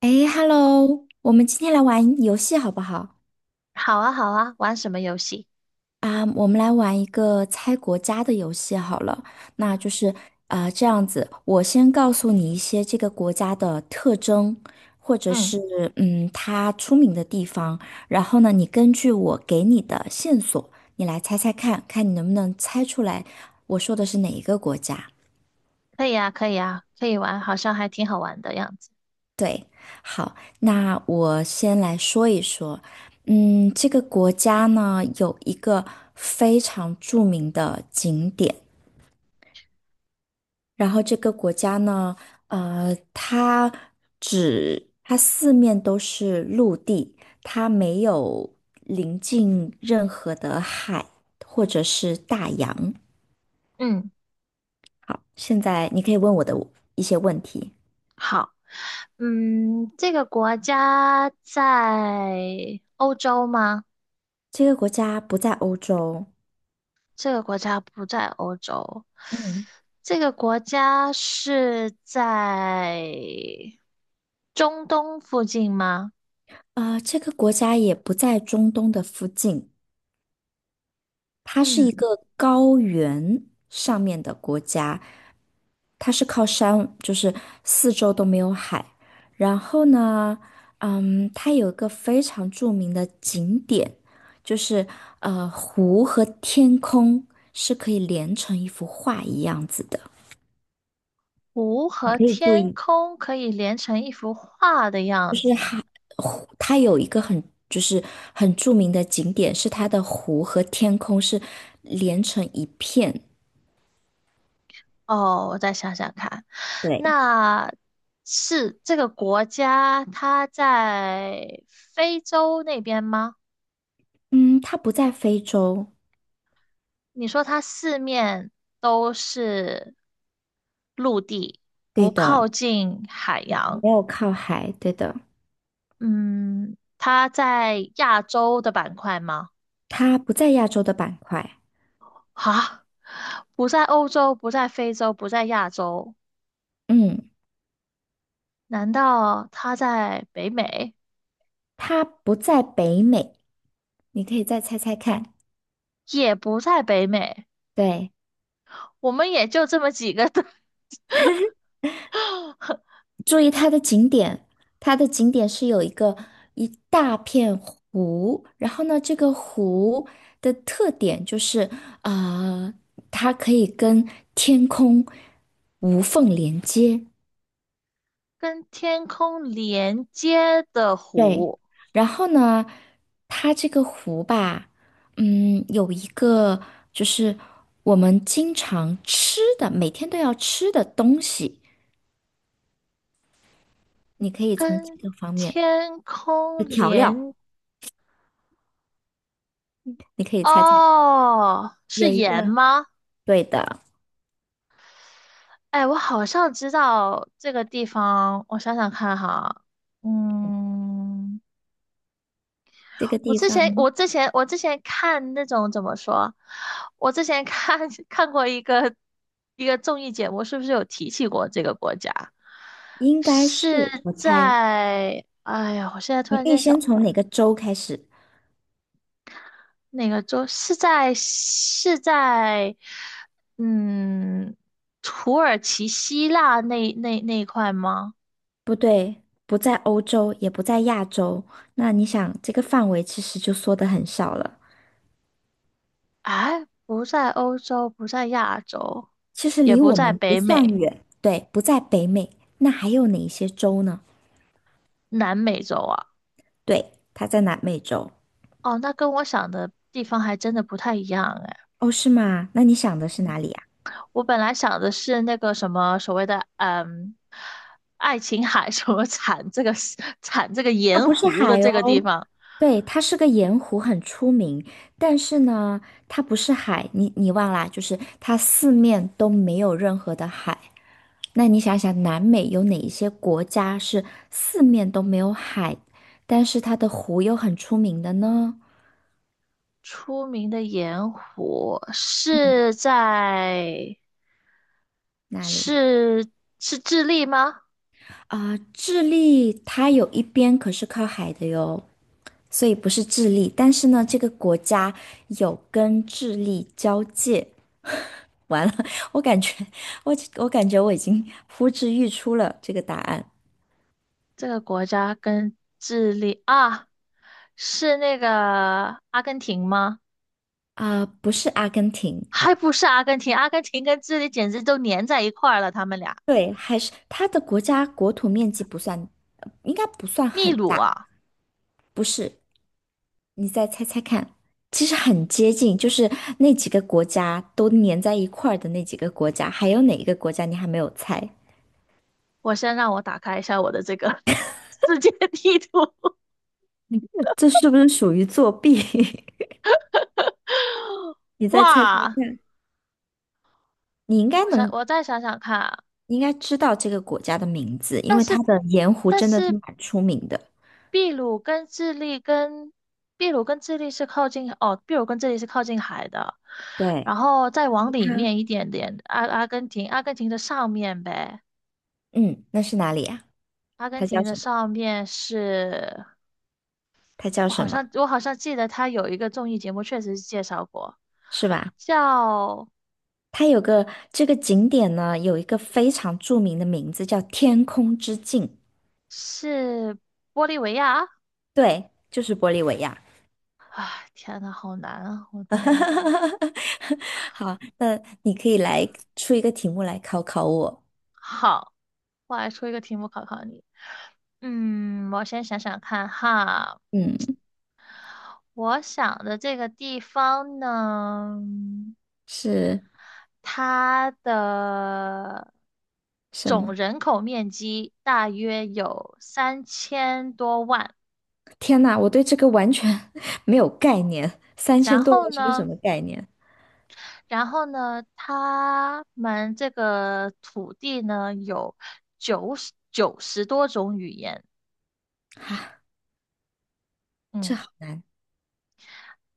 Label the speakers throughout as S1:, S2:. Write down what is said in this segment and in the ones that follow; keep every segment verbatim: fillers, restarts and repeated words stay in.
S1: 哎，Hello，我们今天来玩游戏好不好？
S2: 好啊，好啊，玩什么游戏？
S1: 啊我们来玩一个猜国家的游戏好了。那就是啊，这样子，我先告诉你一些这个国家的特征，或者
S2: 嗯，
S1: 是嗯，它出名的地方。然后呢，你根据我给你的线索，你来猜猜看，看你能不能猜出来我说的是哪一个国家。
S2: 可以啊，可以啊，可以玩，好像还挺好玩的样子。
S1: 对，好，那我先来说一说，嗯，这个国家呢有一个非常著名的景点，然后这个国家呢，呃，它只它四面都是陆地，它没有临近任何的海或者是大洋。
S2: 嗯，
S1: 好，现在你可以问我的一些问题。
S2: 好，嗯，这个国家在欧洲吗？
S1: 这个国家不在欧洲，
S2: 这个国家不在欧洲，
S1: 嗯。
S2: 这个国家是在中东附近吗？
S1: 啊、这个国家也不在中东的附近，它是一
S2: 嗯，
S1: 个高原上面的国家，它是靠山，就是四周都没有海。然后呢，嗯，它有一个非常著名的景点，就是呃，湖和天空是可以连成一幅画一样子的。
S2: 湖
S1: 你
S2: 和
S1: 可以注
S2: 天
S1: 意。
S2: 空可以连成一幅画的
S1: 就
S2: 样
S1: 是
S2: 子。
S1: 海湖，它有一个很就是很著名的景点，是它的湖和天空是连成一片。
S2: 哦，我再想想看，
S1: 对，
S2: 那是这个国家它在非洲那边吗？
S1: 嗯，它不在非洲，
S2: 你说它四面都是陆地，
S1: 对
S2: 不靠
S1: 的，
S2: 近海洋，
S1: 没有靠海，对的，
S2: 嗯，它在亚洲的板块吗？
S1: 它不在亚洲的板块，
S2: 啊，不在欧洲，不在非洲，不在亚洲，
S1: 嗯，
S2: 难道它在北美？
S1: 它不在北美，你可以再猜猜看，
S2: 也不在北美，
S1: 对。
S2: 我们也就这么几个
S1: 注意它的景点，它的景点是有一个一大片湖，然后呢，这个湖的特点就是，呃，它可以跟天空无缝连接。
S2: 跟天空连接的
S1: 对，
S2: 湖，
S1: 然后呢，它这个湖吧，嗯，有一个就是我们经常吃的，每天都要吃的东西，你可以从几
S2: 跟
S1: 个方面，
S2: 天空
S1: 调料，
S2: 连，
S1: 你可以猜猜，
S2: 哦，是
S1: 有一
S2: 盐
S1: 个，
S2: 吗？
S1: 对的。
S2: 哎，我好像知道这个地方，我想想看哈，嗯，
S1: 这个
S2: 我
S1: 地
S2: 之前
S1: 方
S2: 我之前我之前看那种怎么说，我之前看 看过一个一个综艺节目，是不是有提起过这个国家？
S1: 应该
S2: 是
S1: 是，我猜，
S2: 在，哎呀，我现在突
S1: 你
S2: 然
S1: 可以
S2: 间想
S1: 先从哪个州开始？
S2: 哪个州？是在是在嗯土耳其、希腊那那那一块吗？
S1: 不对，不在欧洲，也不在亚洲。那你想，这个范围其实就缩得很少了。
S2: 哎，不在欧洲，不在亚洲，
S1: 其实
S2: 也
S1: 离
S2: 不
S1: 我
S2: 在
S1: 们不
S2: 北
S1: 算
S2: 美、
S1: 远，对，不在北美。那还有哪一些州呢？
S2: 南美洲啊。
S1: 对，它在南美洲。
S2: 哦，那跟我想的地方还真的不太一样哎。
S1: 哦，是吗？那你想的是哪里呀？
S2: 我本来想的是那个什么所谓的嗯，爱琴海 什么产这个 产这个
S1: 它
S2: 盐
S1: 不是
S2: 湖的
S1: 海
S2: 这个地
S1: 哦，
S2: 方，
S1: 对，它是个盐湖，很出名。但是呢，它不是海，你你忘啦，就是它四面都没有任何的海。那你想想，南美有哪一些国家是四面都没有海，但是它的湖又很出名的呢？
S2: 出名的盐湖
S1: 嗯，
S2: 是在
S1: 那里
S2: 是是智利吗？
S1: 啊，智利它有一边可是靠海的哟，所以不是智利。但是呢，这个国家有跟智利交界。完了，我感觉我我感觉我已经呼之欲出了这个答案。
S2: 这个国家跟智利啊，是那个阿根廷吗？
S1: 啊，不是阿根廷，
S2: 还不是阿根廷，阿根廷跟智利简直都粘在一块儿了，他们俩。
S1: 对，还是它的国家国土面积不算，应该不算
S2: 秘
S1: 很
S2: 鲁
S1: 大。
S2: 啊，
S1: 不是，你再猜猜看，其实很接近，就是那几个国家都粘在一块儿的那几个国家，还有哪一个国家你还没有猜？
S2: 我先让我打开一下我的这个 世界地图。
S1: 这是不是属于作弊？你 再猜猜
S2: 哇，
S1: 看，你应该
S2: 我想
S1: 能，
S2: 我再想想看啊
S1: 你应该知道这个国家的名字，因
S2: 但
S1: 为它
S2: 是
S1: 的盐湖
S2: 但
S1: 真的是
S2: 是
S1: 蛮出名的。
S2: 秘鲁跟智利跟秘鲁跟智利是靠近哦，秘鲁跟智利是靠近海的，
S1: 对，
S2: 然后再往里
S1: 它，
S2: 面一点点，阿阿根廷，阿根廷的上面呗，
S1: 嗯，那是哪里呀、
S2: 阿根
S1: 它叫
S2: 廷的
S1: 什么？
S2: 上面是，
S1: 它叫
S2: 我好
S1: 什么？
S2: 像我好像记得它有一个综艺节目，确实是介绍过，
S1: 是吧？
S2: 叫
S1: 它有个这个景点呢，有一个非常著名的名字叫天空之镜。
S2: 是玻利维亚，
S1: 对，就是玻利维亚。
S2: 哎，天呐，好难啊，我天，
S1: 好，那你可以来出一个题目来考考我。
S2: 好，我来出一个题目考考你，嗯，我先想想看哈。
S1: 嗯，
S2: 我想的这个地方呢，
S1: 是
S2: 它的
S1: 什么？
S2: 总人口面积大约有三千多万。
S1: 天呐，我对这个完全 没有概念。三
S2: 然
S1: 千多
S2: 后
S1: 万是个什
S2: 呢，
S1: 么概念？
S2: 然后呢，他们这个土地呢有九十九十多种语言。
S1: 啊，这
S2: 嗯
S1: 好难。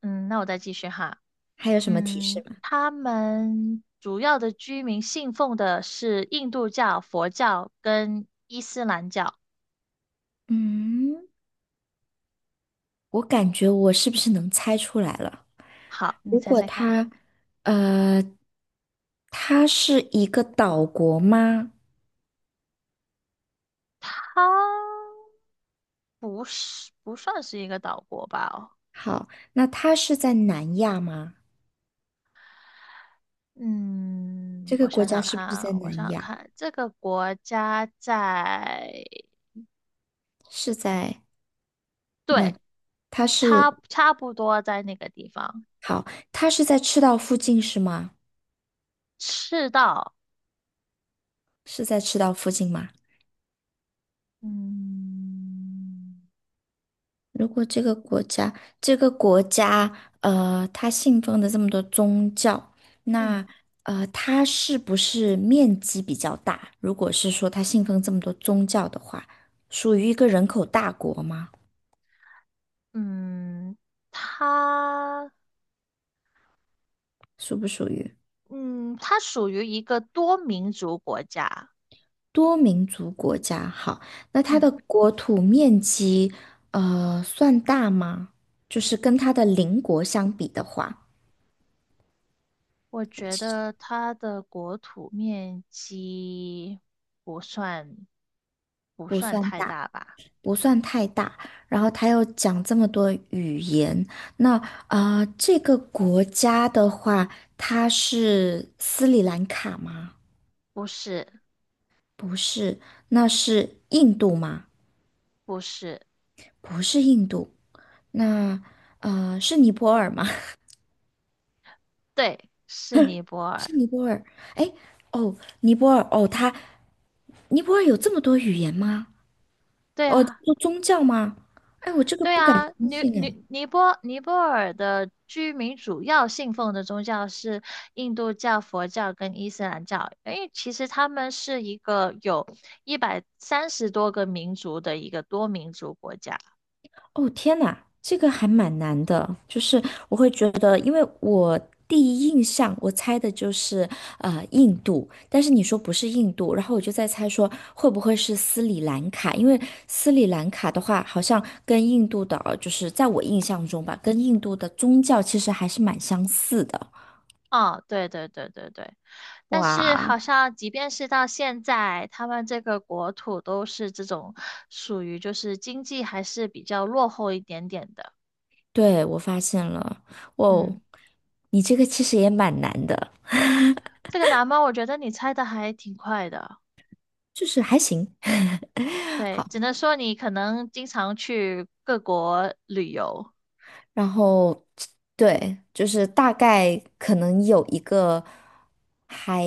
S2: 嗯，那我再继续哈。
S1: 还有什么提示
S2: 嗯，
S1: 吗？
S2: 他们主要的居民信奉的是印度教、佛教跟
S1: 嗯，我感觉我是不是能猜出来了？
S2: 好，你
S1: 如
S2: 猜
S1: 果
S2: 猜看，
S1: 他，呃，他是一个岛国吗？
S2: 它不是不算是一个岛国吧？哦，
S1: 好，那他是在南亚吗？
S2: 嗯，
S1: 这个
S2: 我
S1: 国
S2: 想
S1: 家
S2: 想
S1: 是
S2: 看
S1: 不是
S2: 啊，
S1: 在
S2: 我想
S1: 南
S2: 想
S1: 亚？
S2: 看，这个国家在，
S1: 是在那？
S2: 对，
S1: 它是
S2: 差差不多在那个地方，
S1: 好，它是在赤道附近是吗？
S2: 赤道，
S1: 是在赤道附近吗？
S2: 嗯
S1: 如果这个国家，这个国家，呃，它信奉的这么多宗教，
S2: 嗯
S1: 那呃，它是不是面积比较大？如果是说它信奉这么多宗教的话，属于一个人口大国吗？
S2: 嗯，它
S1: 属不属于？
S2: 嗯它属于一个多民族国家，
S1: 多民族国家，好，那它
S2: 嗯。
S1: 的国土面积，呃，算大吗？就是跟它的邻国相比的话，
S2: 我
S1: 我
S2: 觉
S1: 其实
S2: 得它的国土面积不算不
S1: 不
S2: 算
S1: 算
S2: 太
S1: 大，
S2: 大吧？
S1: 不算太大。然后它又讲这么多语言，那啊，这个国家的话，它是斯里兰卡吗？
S2: 不是，
S1: 不是，那是印度吗？
S2: 不是，
S1: 不是印度，那呃，是尼泊尔吗？
S2: 对，是尼泊尔。
S1: 是尼泊尔，哎，哦，尼泊尔，哦，它，尼泊尔有这么多语言吗？
S2: 对
S1: 哦，
S2: 啊，
S1: 有宗教吗？哎，我这个
S2: 对
S1: 不敢
S2: 啊，
S1: 相
S2: 尼
S1: 信哎。
S2: 尼尼泊尼泊尔的居民主要信奉的宗教是印度教、佛教跟伊斯兰教，因为其实他们是一个有一百三十多个民族的一个多民族国家。
S1: 哦，天呐，这个还蛮难的，就是我会觉得，因为我第一印象我猜的就是呃印度，但是你说不是印度，然后我就在猜说会不会是斯里兰卡，因为斯里兰卡的话，好像跟印度的，就是在我印象中吧，跟印度的宗教其实还是蛮相似的。
S2: 啊，对对对对对。但是
S1: 哇，
S2: 好像即便是到现在，他们这个国土都是这种属于就是经济还是比较落后一点点的。
S1: 对，我发现了，哦，
S2: 嗯，
S1: 你这个其实也蛮难的，
S2: 这个难吗？我觉得你猜的还挺快的。
S1: 就是还行。
S2: 对，
S1: 好，
S2: 只能说你可能经常去各国旅游。
S1: 然后对，就是大概可能有一个还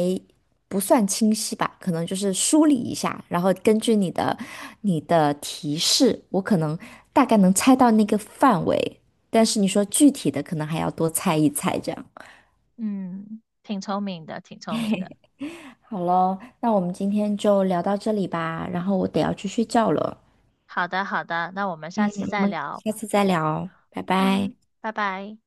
S1: 不算清晰吧，可能就是梳理一下，然后根据你的你的提示，我可能大概能猜到那个范围，但是你说具体的，可能还要多猜一猜这样。
S2: 嗯，挺聪明的，挺聪明的。
S1: 好了，那我们今天就聊到这里吧，然后我得要去睡觉了，
S2: 好的，好的，那我们下次
S1: 我
S2: 再
S1: 们
S2: 聊。
S1: 下次再聊，拜拜。
S2: 嗯，拜拜。